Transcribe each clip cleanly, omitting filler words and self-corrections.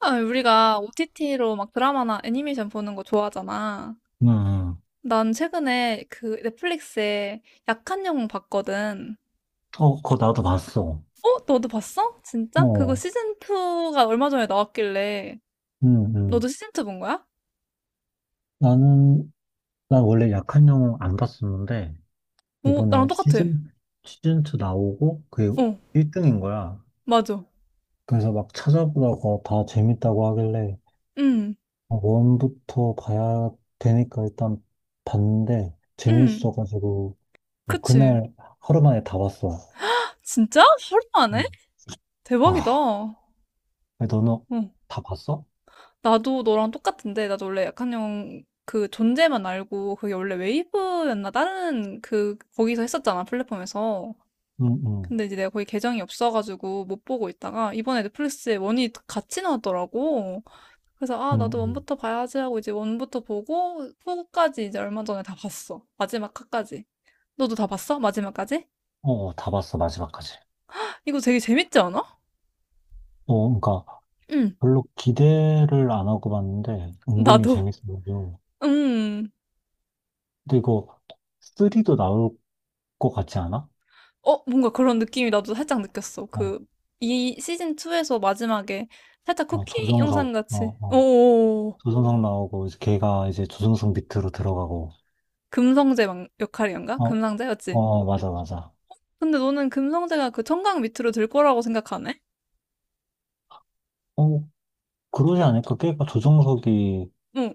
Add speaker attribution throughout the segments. Speaker 1: 아, 우리가 OTT로 막 드라마나 애니메이션 보는 거 좋아하잖아.
Speaker 2: 음,
Speaker 1: 난 최근에 그 넷플릭스에 약한 영웅 봤거든.
Speaker 2: 어, 그거 나도 봤어.
Speaker 1: 어? 너도 봤어? 진짜? 그거
Speaker 2: 어,
Speaker 1: 시즌2가 얼마 전에 나왔길래.
Speaker 2: 음,
Speaker 1: 너도
Speaker 2: 음.
Speaker 1: 시즌2 본 거야?
Speaker 2: 나는, 난 원래 약한 영웅 안 봤었는데,
Speaker 1: 오, 나랑
Speaker 2: 이번에
Speaker 1: 똑같아.
Speaker 2: 시즌2 나오고, 그게
Speaker 1: 어,
Speaker 2: 1등인 거야.
Speaker 1: 맞아.
Speaker 2: 그래서 막 찾아보다가 다 재밌다고 하길래,
Speaker 1: 응,
Speaker 2: 아, 원부터 봐야 되니까 일단 봤는데,
Speaker 1: 응,
Speaker 2: 재밌어가지고, 나
Speaker 1: 그치.
Speaker 2: 그날 하루 만에 다 봤어.
Speaker 1: 진짜? 하루 안 해?
Speaker 2: 음.
Speaker 1: 대박이다.
Speaker 2: 아,
Speaker 1: 어,
Speaker 2: 너는 다 봤어?
Speaker 1: 나도 너랑 똑같은데. 나도 원래 약한 영웅 그 존재만 알고 그게 원래 웨이브였나? 다른 그, 거기서 했었잖아, 플랫폼에서.
Speaker 2: 응, 응,
Speaker 1: 근데 이제 내가 거기 계정이 없어가지고 못 보고 있다가 이번에 넷플릭스에 원이 같이 나왔더라고. 그래서 아,
Speaker 2: 응,
Speaker 1: 나도
Speaker 2: 응.
Speaker 1: 원부터 봐야지 하고 이제 원부터 보고 후까지 이제 얼마 전에 다 봤어. 마지막 화까지. 너도 다 봤어? 마지막까지?
Speaker 2: 어, 다 봤어, 마지막까지.
Speaker 1: 이거 되게 재밌지 않아?
Speaker 2: 어, 그러니까,
Speaker 1: 응,
Speaker 2: 별로 기대를 안 하고 봤는데 은근히
Speaker 1: 나도.
Speaker 2: 재밌어요.
Speaker 1: 음.
Speaker 2: 근데 이거 3도 나올 것 같지 않아?
Speaker 1: 어, 뭔가 그런 느낌이 나도 살짝 느꼈어.
Speaker 2: 어,
Speaker 1: 그, 이 시즌2에서 마지막에 살짝
Speaker 2: 어,
Speaker 1: 쿠키 영상
Speaker 2: 조정석, 어,
Speaker 1: 같이.
Speaker 2: 어.
Speaker 1: 오,
Speaker 2: 조정석 나오고 이제 걔가 이제 조정석 밑으로 들어가고,
Speaker 1: 금성재 역할이었나?
Speaker 2: 어,
Speaker 1: 금상재였지?
Speaker 2: 어, 맞아, 맞아.
Speaker 1: 근데 너는 금성대가 그 청강 밑으로 들 거라고 생각하네?
Speaker 2: 어, 그러지 않을까? 걔가 조정석이
Speaker 1: 응,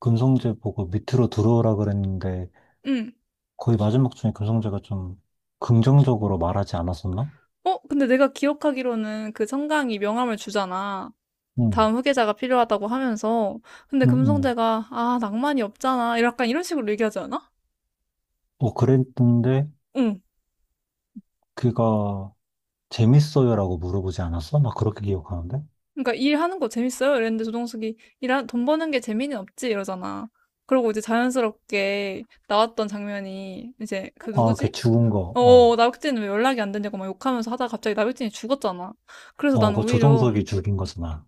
Speaker 2: 금성재 보고 밑으로 들어오라 그랬는데
Speaker 1: 응.
Speaker 2: 거의 마지막 중에 금성재가 좀 긍정적으로 말하지 않았었나?
Speaker 1: 어, 근데 내가 기억하기로는 그 청강이 명함을 주잖아.
Speaker 2: 응,
Speaker 1: 다음 후계자가 필요하다고 하면서. 근데
Speaker 2: 응, 응.
Speaker 1: 금성대가, 아, 낭만이 없잖아. 약간 이런 식으로 얘기하지 않아?
Speaker 2: 어, 그랬는데
Speaker 1: 응.
Speaker 2: 그가 재밌어요라고 물어보지 않았어? 막 그렇게 기억하는데?
Speaker 1: 그러니까 일하는 거 재밌어요? 이랬는데 조동숙이 돈 버는 게 재미는 없지? 이러잖아. 그러고 이제 자연스럽게 나왔던 장면이 이제
Speaker 2: 어?
Speaker 1: 그
Speaker 2: 어, 걔
Speaker 1: 누구지?
Speaker 2: 죽은 거,
Speaker 1: 어,
Speaker 2: 어,
Speaker 1: 나백진은 왜 연락이 안 되냐고 막 욕하면서 하다가 갑자기 나백진이 죽었잖아. 그래서
Speaker 2: 어,
Speaker 1: 난
Speaker 2: 그
Speaker 1: 오히려
Speaker 2: 조정석이 죽인 거잖아.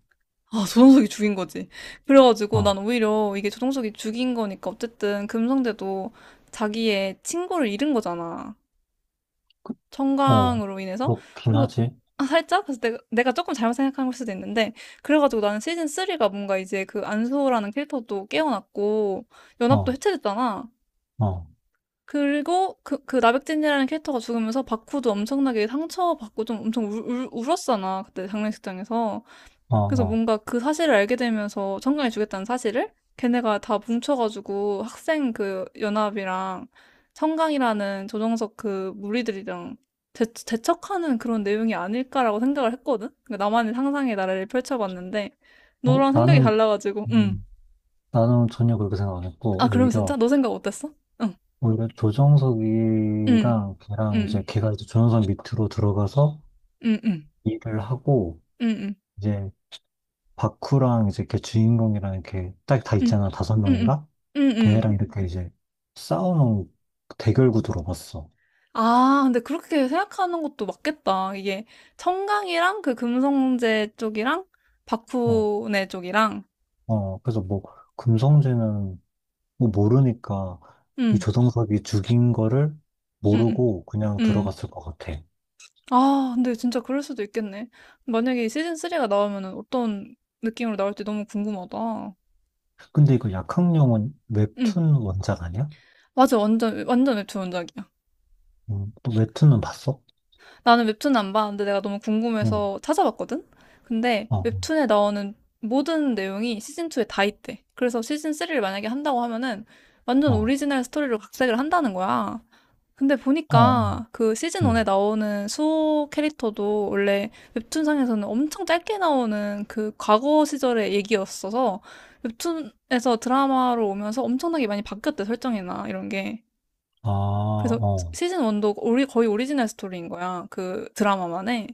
Speaker 1: 아, 조정석이 죽인 거지. 그래가지고
Speaker 2: 어,
Speaker 1: 난 오히려 이게 조정석이 죽인 거니까 어쨌든 금성대도 자기의 친구를 잃은 거잖아.
Speaker 2: 어,
Speaker 1: 청강으로 인해서.
Speaker 2: 그렇긴
Speaker 1: 그,
Speaker 2: 하지.
Speaker 1: 아, 살짝? 그래서 내가 조금 잘못 생각한 걸 수도 있는데. 그래가지고 나는 시즌 3가 뭔가 이제 그 안수호라는 캐릭터도 깨어났고, 연합도
Speaker 2: 어,
Speaker 1: 해체됐잖아.
Speaker 2: 어,
Speaker 1: 그리고 그, 그 나백진이라는 캐릭터가 죽으면서 바쿠도 엄청나게 상처받고 좀 엄청 울었잖아. 그때 장례식장에서.
Speaker 2: 어,
Speaker 1: 그래서
Speaker 2: 어.
Speaker 1: 뭔가 그 사실을 알게 되면서 청강이 주겠다는 사실을 걔네가 다 뭉쳐가지고 학생 그 연합이랑 청강이라는 조정석 그 무리들이랑 대척하는 그런 내용이 아닐까라고 생각을 했거든? 그러니까 나만의 상상의 나래를 펼쳐봤는데
Speaker 2: 어, 어,
Speaker 1: 너랑 생각이 달라가지고 응.
Speaker 2: 음, 나는 전혀 그렇게 생각 안
Speaker 1: 아,
Speaker 2: 했고,
Speaker 1: 그럼 진짜
Speaker 2: 오히려,
Speaker 1: 너 생각 어땠어? 응.
Speaker 2: 오히려
Speaker 1: 응.
Speaker 2: 조정석이랑 걔랑
Speaker 1: 응.
Speaker 2: 이제 걔가 이제 조정석 밑으로 들어가서
Speaker 1: 응. 응.
Speaker 2: 일을 하고,
Speaker 1: 응. 응.
Speaker 2: 이제 바쿠랑 이제 걔 주인공이랑 이렇게 딱 다
Speaker 1: 응.
Speaker 2: 있잖아. 다섯
Speaker 1: 응. 응.
Speaker 2: 명인가?
Speaker 1: 응. 응.
Speaker 2: 걔네랑 이렇게 이제 싸우는 대결 구도로 봤어.
Speaker 1: 아, 근데 그렇게 생각하는 것도 맞겠다. 이게 청강이랑 그 금성제 쪽이랑 박
Speaker 2: 어,
Speaker 1: 훈의 쪽이랑
Speaker 2: 어, 그래서 뭐, 금성재는 뭐 모르니까 이
Speaker 1: 음,
Speaker 2: 조성석이 죽인 거를
Speaker 1: 음, 음,
Speaker 2: 모르고 그냥
Speaker 1: 음.
Speaker 2: 들어갔을 것 같아.
Speaker 1: 아, 근데 진짜 그럴 수도 있겠네. 만약에 시즌 3가 나오면은 어떤 느낌으로 나올지 너무 궁금하다.
Speaker 2: 근데 이거 약학령은
Speaker 1: 응,
Speaker 2: 웹툰 원작 아니야?
Speaker 1: 맞아. 완전 완전 웹툰 원작이야.
Speaker 2: 또 웹툰은 봤어?
Speaker 1: 나는 웹툰 안 봤는데 내가 너무
Speaker 2: 응,
Speaker 1: 궁금해서 찾아봤거든? 근데
Speaker 2: 어,
Speaker 1: 웹툰에 나오는 모든 내용이 시즌2에 다 있대. 그래서 시즌3를 만약에 한다고 하면은 완전
Speaker 2: 어,
Speaker 1: 오리지널 스토리로 각색을 한다는 거야. 근데
Speaker 2: 어, 어,
Speaker 1: 보니까 그 시즌1에
Speaker 2: 응,
Speaker 1: 나오는 수호 캐릭터도 원래 웹툰상에서는 엄청 짧게 나오는 그 과거 시절의 얘기였어서 웹툰에서 드라마로 오면서 엄청나게 많이 바뀌었대, 설정이나 이런 게.
Speaker 2: 아,
Speaker 1: 그래서
Speaker 2: 어,
Speaker 1: 시즌 1도 거의 오리지널 스토리인 거야. 그 드라마만에.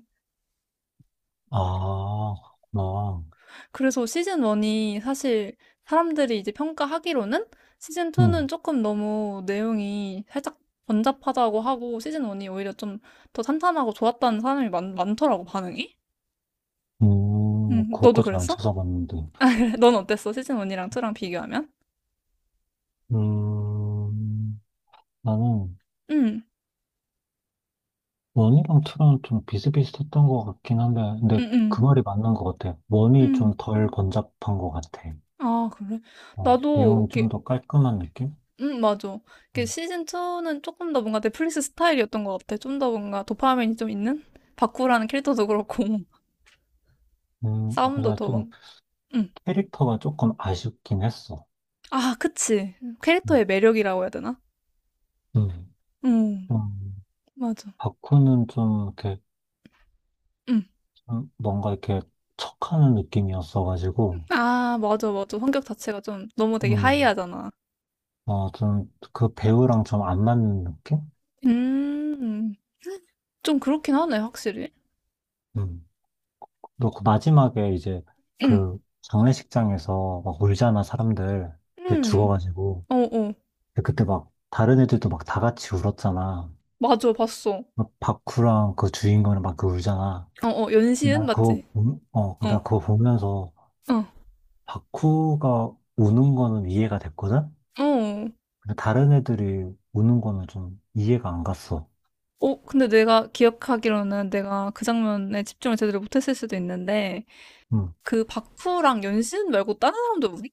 Speaker 2: 아, 그렇구나.
Speaker 1: 그래서 시즌 1이 사실 사람들이 이제 평가하기로는 시즌 2는
Speaker 2: 응,
Speaker 1: 조금 너무 내용이 살짝 번잡하다고 하고 시즌 1이 오히려 좀 더 탄탄하고 좋았다는 사람이 많더라고, 반응이. 너도
Speaker 2: 그것까지는 안
Speaker 1: 그랬어?
Speaker 2: 찾아봤는데.
Speaker 1: 아, 그래. 넌 어땠어? 시즌 1이랑 2랑 비교하면?
Speaker 2: 음, 나는
Speaker 1: 음,
Speaker 2: 원이랑 투랑 좀 비슷비슷했던 것 같긴 한데,
Speaker 1: 음,
Speaker 2: 근데 그
Speaker 1: 음,
Speaker 2: 말이 맞는 것 같아. 원이 좀
Speaker 1: 음.
Speaker 2: 덜 번잡한 것 같아.
Speaker 1: 아, 그래?
Speaker 2: 어, 내용이
Speaker 1: 나도
Speaker 2: 좀
Speaker 1: 이렇게
Speaker 2: 더 깔끔한 느낌?
Speaker 1: 맞아. 그
Speaker 2: 음,
Speaker 1: 시즌 2는 조금 더 뭔가 넷플릭스 스타일이었던 것 같아. 좀 더 뭔가 도파민이 좀 있는? 바쿠라는 캐릭터도 그렇고,
Speaker 2: 아,
Speaker 1: 싸움도
Speaker 2: 근데
Speaker 1: 더 막,
Speaker 2: 좀
Speaker 1: 음.
Speaker 2: 캐릭터가 조금 아쉽긴 했어.
Speaker 1: 아, 그치.
Speaker 2: 음,
Speaker 1: 캐릭터의 매력이라고 해야 되나?
Speaker 2: 음.
Speaker 1: 음,
Speaker 2: 좀,
Speaker 1: 맞아.
Speaker 2: 바쿠는 좀 이렇게,
Speaker 1: 음.
Speaker 2: 좀 뭔가 이렇게 척하는 느낌이었어가지고,
Speaker 1: 아, 맞아, 맞아. 성격 자체가 좀 너무 되게
Speaker 2: 음,
Speaker 1: 하이하잖아.
Speaker 2: 어, 좀 그 배우랑 좀 안 맞는 느낌?
Speaker 1: 음, 좀 그렇긴 하네, 확실히.
Speaker 2: 음. 너 그 마지막에 이제
Speaker 1: 음,
Speaker 2: 그 장례식장에서 막 울잖아, 사람들. 이렇게
Speaker 1: 음.
Speaker 2: 죽어가지고.
Speaker 1: 어, 어.
Speaker 2: 근데 그때 막 다른 애들도 막 다 같이 울었잖아.
Speaker 1: 맞아, 봤어.
Speaker 2: 막 바쿠랑 그 주인공이랑 막 그 울잖아.
Speaker 1: 어, 어. 연시은? 맞지? 어,
Speaker 2: 나 그거 보면서
Speaker 1: 어,
Speaker 2: 바쿠가 우는 거는 이해가 됐거든?
Speaker 1: 어.
Speaker 2: 근데 다른 애들이 우는 거는 좀 이해가 안 갔어.
Speaker 1: 어, 근데 내가 기억하기로는 내가 그 장면에 집중을 제대로 못했을 수도 있는데,
Speaker 2: 응.
Speaker 1: 그 박후랑 연신 말고 다른 사람도 우리?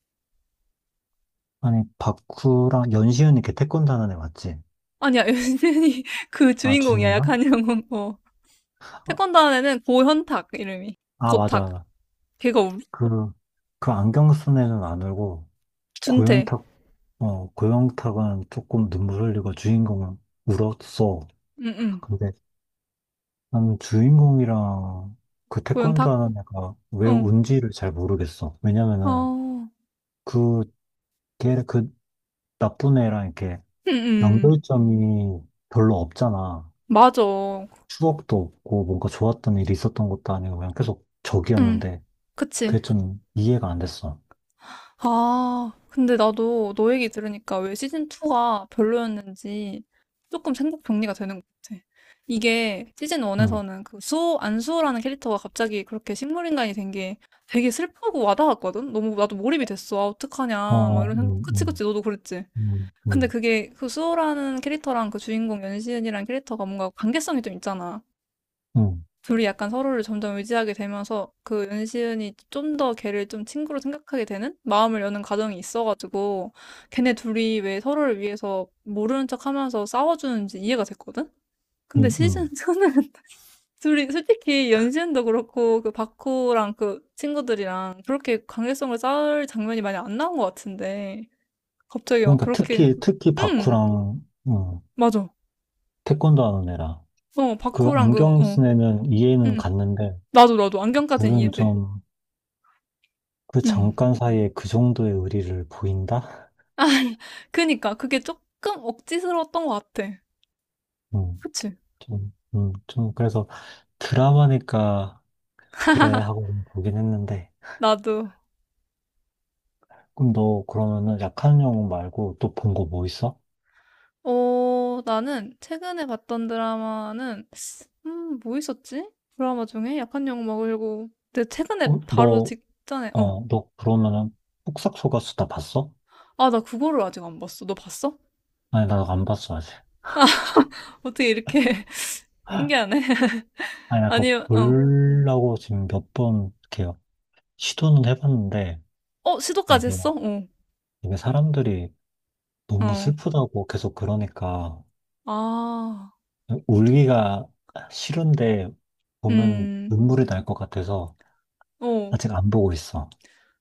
Speaker 2: 아니, 바쿠랑 연시은이 걔 태권도 하는 애 맞지?
Speaker 1: 아니야, 연신이 그
Speaker 2: 아,
Speaker 1: 주인공이야,
Speaker 2: 주인공아?
Speaker 1: 약한 영혼. 어.
Speaker 2: 아,
Speaker 1: 태권도 안에는 고현탁, 이름이.
Speaker 2: 아,
Speaker 1: 고탁.
Speaker 2: 맞아.
Speaker 1: 걔가 우리?
Speaker 2: 그, 그 안경 쓴 애는 안 울고,
Speaker 1: 준태.
Speaker 2: 고현탁, 어, 고영탁은 조금 눈물 흘리고 주인공은 울었어.
Speaker 1: 응, 응.
Speaker 2: 근데 나는 주인공이랑 그 태권도
Speaker 1: 고현탁?
Speaker 2: 하는 애가 왜
Speaker 1: 어.
Speaker 2: 운지를 잘 모르겠어. 왜냐면은
Speaker 1: 아,
Speaker 2: 그, 그 나쁜 애랑 이렇게
Speaker 1: 응, 응.
Speaker 2: 연결점이 별로 없잖아.
Speaker 1: 맞아.
Speaker 2: 추억도 없고 뭔가 좋았던 일이 있었던 것도 아니고 그냥 계속
Speaker 1: 응,
Speaker 2: 적이었는데 그게
Speaker 1: 그치.
Speaker 2: 좀 이해가 안 됐어.
Speaker 1: 아, 근데 나도 너 얘기 들으니까 왜 시즌2가 별로였는지 조금 생각 정리가 되는 것 같아. 이게
Speaker 2: 응.
Speaker 1: 시즌1에서는 그 수호, 안수호라는 캐릭터가 갑자기 그렇게 식물인간이 된 게 되게 슬프고 와닿았거든? 너무 나도 몰입이 됐어. 아,
Speaker 2: 어,
Speaker 1: 어떡하냐. 막
Speaker 2: 어,
Speaker 1: 이런 생각. 그치, 그치. 너도 그랬지.
Speaker 2: 음,
Speaker 1: 근데
Speaker 2: 음.
Speaker 1: 그게 그 수호라는 캐릭터랑 그 주인공 연시은이라는 캐릭터가 뭔가 관계성이 좀 있잖아.
Speaker 2: 응,
Speaker 1: 둘이 약간 서로를 점점 의지하게 되면서 그 윤시은이 좀 더 걔를 좀 친구로 생각하게 되는 마음을 여는 과정이 있어가지고 걔네 둘이 왜 서로를 위해서 모르는 척 하면서 싸워주는지 이해가 됐거든? 근데
Speaker 2: 응,
Speaker 1: 시즌
Speaker 2: 응.
Speaker 1: 2는 둘이 솔직히 연시은도 그렇고 그 바쿠랑 그 친구들이랑 그렇게 관계성을 쌓을 장면이 많이 안 나온 것 같은데 갑자기 막
Speaker 2: 그러니까
Speaker 1: 그렇게
Speaker 2: 특히
Speaker 1: 응
Speaker 2: 바쿠랑, 음,
Speaker 1: 맞아
Speaker 2: 태권도 하는 애라.
Speaker 1: 어
Speaker 2: 그
Speaker 1: 바쿠랑 그
Speaker 2: 안경
Speaker 1: 어
Speaker 2: 쓴 애는 이해는
Speaker 1: 응
Speaker 2: 갔는데,
Speaker 1: 나도 안경까지는
Speaker 2: 둘은
Speaker 1: 이해돼
Speaker 2: 좀, 그
Speaker 1: 응
Speaker 2: 잠깐 사이에 그 정도의 의리를 보인다?
Speaker 1: 아, 그니까 그게 조금 억지스러웠던 것 같아.
Speaker 2: 응,
Speaker 1: 그치?
Speaker 2: 좀, 좀, 그래서 드라마니까, 그래, 하고 보긴 했는데.
Speaker 1: 나도.
Speaker 2: 그럼 너 그러면은 약한 영웅 말고 또 본 거 뭐 있어?
Speaker 1: 어, 나는 최근에 봤던 드라마는 뭐 있었지? 드라마 중에 약한 약 먹으려고. 근데 최근에
Speaker 2: 어,
Speaker 1: 바로
Speaker 2: 너,
Speaker 1: 직전에 어.
Speaker 2: 너 그러면은 폭삭 속가수다 봤어?
Speaker 1: 아, 나 그거를 아직 안 봤어. 너 봤어?
Speaker 2: 아니, 나 안 봤어, 아직.
Speaker 1: 어떻게 이렇게 신기하네.
Speaker 2: 아니, 나 그거
Speaker 1: 아니, 어.
Speaker 2: 보려고 지금 몇 번 이렇게 시도는 해봤는데,
Speaker 1: 어,
Speaker 2: 아,
Speaker 1: 시도까지
Speaker 2: 이게
Speaker 1: 했어?
Speaker 2: 막,
Speaker 1: 어.
Speaker 2: 이게 사람들이 너무
Speaker 1: 어.
Speaker 2: 슬프다고 계속 그러니까,
Speaker 1: 아.
Speaker 2: 울기가 싫은데, 보면
Speaker 1: 음.
Speaker 2: 눈물이 날 것 같아서,
Speaker 1: 어.
Speaker 2: 아직 안 보고 있어.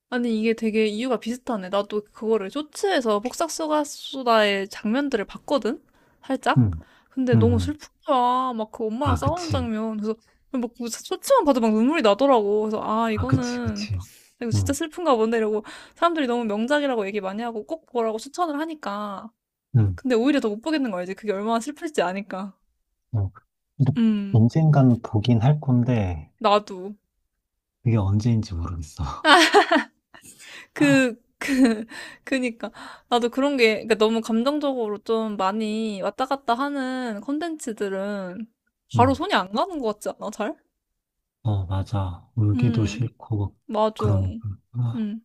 Speaker 1: 아니, 이게 되게 이유가 비슷하네. 나도 그거를 쇼츠에서 폭삭소가수다의 장면들을 봤거든? 살짝?
Speaker 2: 응,
Speaker 1: 근데
Speaker 2: 응,
Speaker 1: 너무
Speaker 2: 응.
Speaker 1: 슬픈 거야. 막 그 엄마랑
Speaker 2: 아,
Speaker 1: 싸우는
Speaker 2: 그치.
Speaker 1: 장면. 그래서 막그 쇼츠만 봐도 막 눈물이 나더라고. 그래서 아,
Speaker 2: 아, 그치,
Speaker 1: 이거는,
Speaker 2: 그치.
Speaker 1: 이거 진짜
Speaker 2: 응,
Speaker 1: 슬픈가 본데 이러고 사람들이 너무 명작이라고 얘기 많이 하고 꼭 보라고 추천을 하니까.
Speaker 2: 응.
Speaker 1: 근데 오히려 더 못 보겠는 거 알지? 그게 얼마나 슬플지 아니까.
Speaker 2: 어, 근데
Speaker 1: 음,
Speaker 2: 언젠간 보긴 할 건데,
Speaker 1: 나도.
Speaker 2: 그게 언제인지 모르겠어.
Speaker 1: 그, 그, 그니까. 나도 그런 게, 그러니까 너무 감정적으로 좀 많이 왔다 갔다 하는 콘텐츠들은 바로
Speaker 2: 응,
Speaker 1: 손이 안 가는 것 같지 않아, 잘?
Speaker 2: 어, 맞아. 울기도
Speaker 1: 음,
Speaker 2: 싫고,
Speaker 1: 맞아.
Speaker 2: 그러니까.
Speaker 1: 음,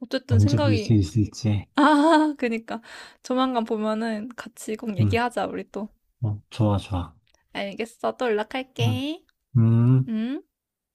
Speaker 1: 어쨌든
Speaker 2: 언제 볼 수
Speaker 1: 생각이,
Speaker 2: 있을지.
Speaker 1: 아, 그니까. 조만간 보면은 같이 꼭
Speaker 2: 음,
Speaker 1: 얘기하자, 우리 또.
Speaker 2: 어, 좋아, 좋아.
Speaker 1: 알겠어. 또
Speaker 2: 음,
Speaker 1: 연락할게.
Speaker 2: 음.
Speaker 1: 음.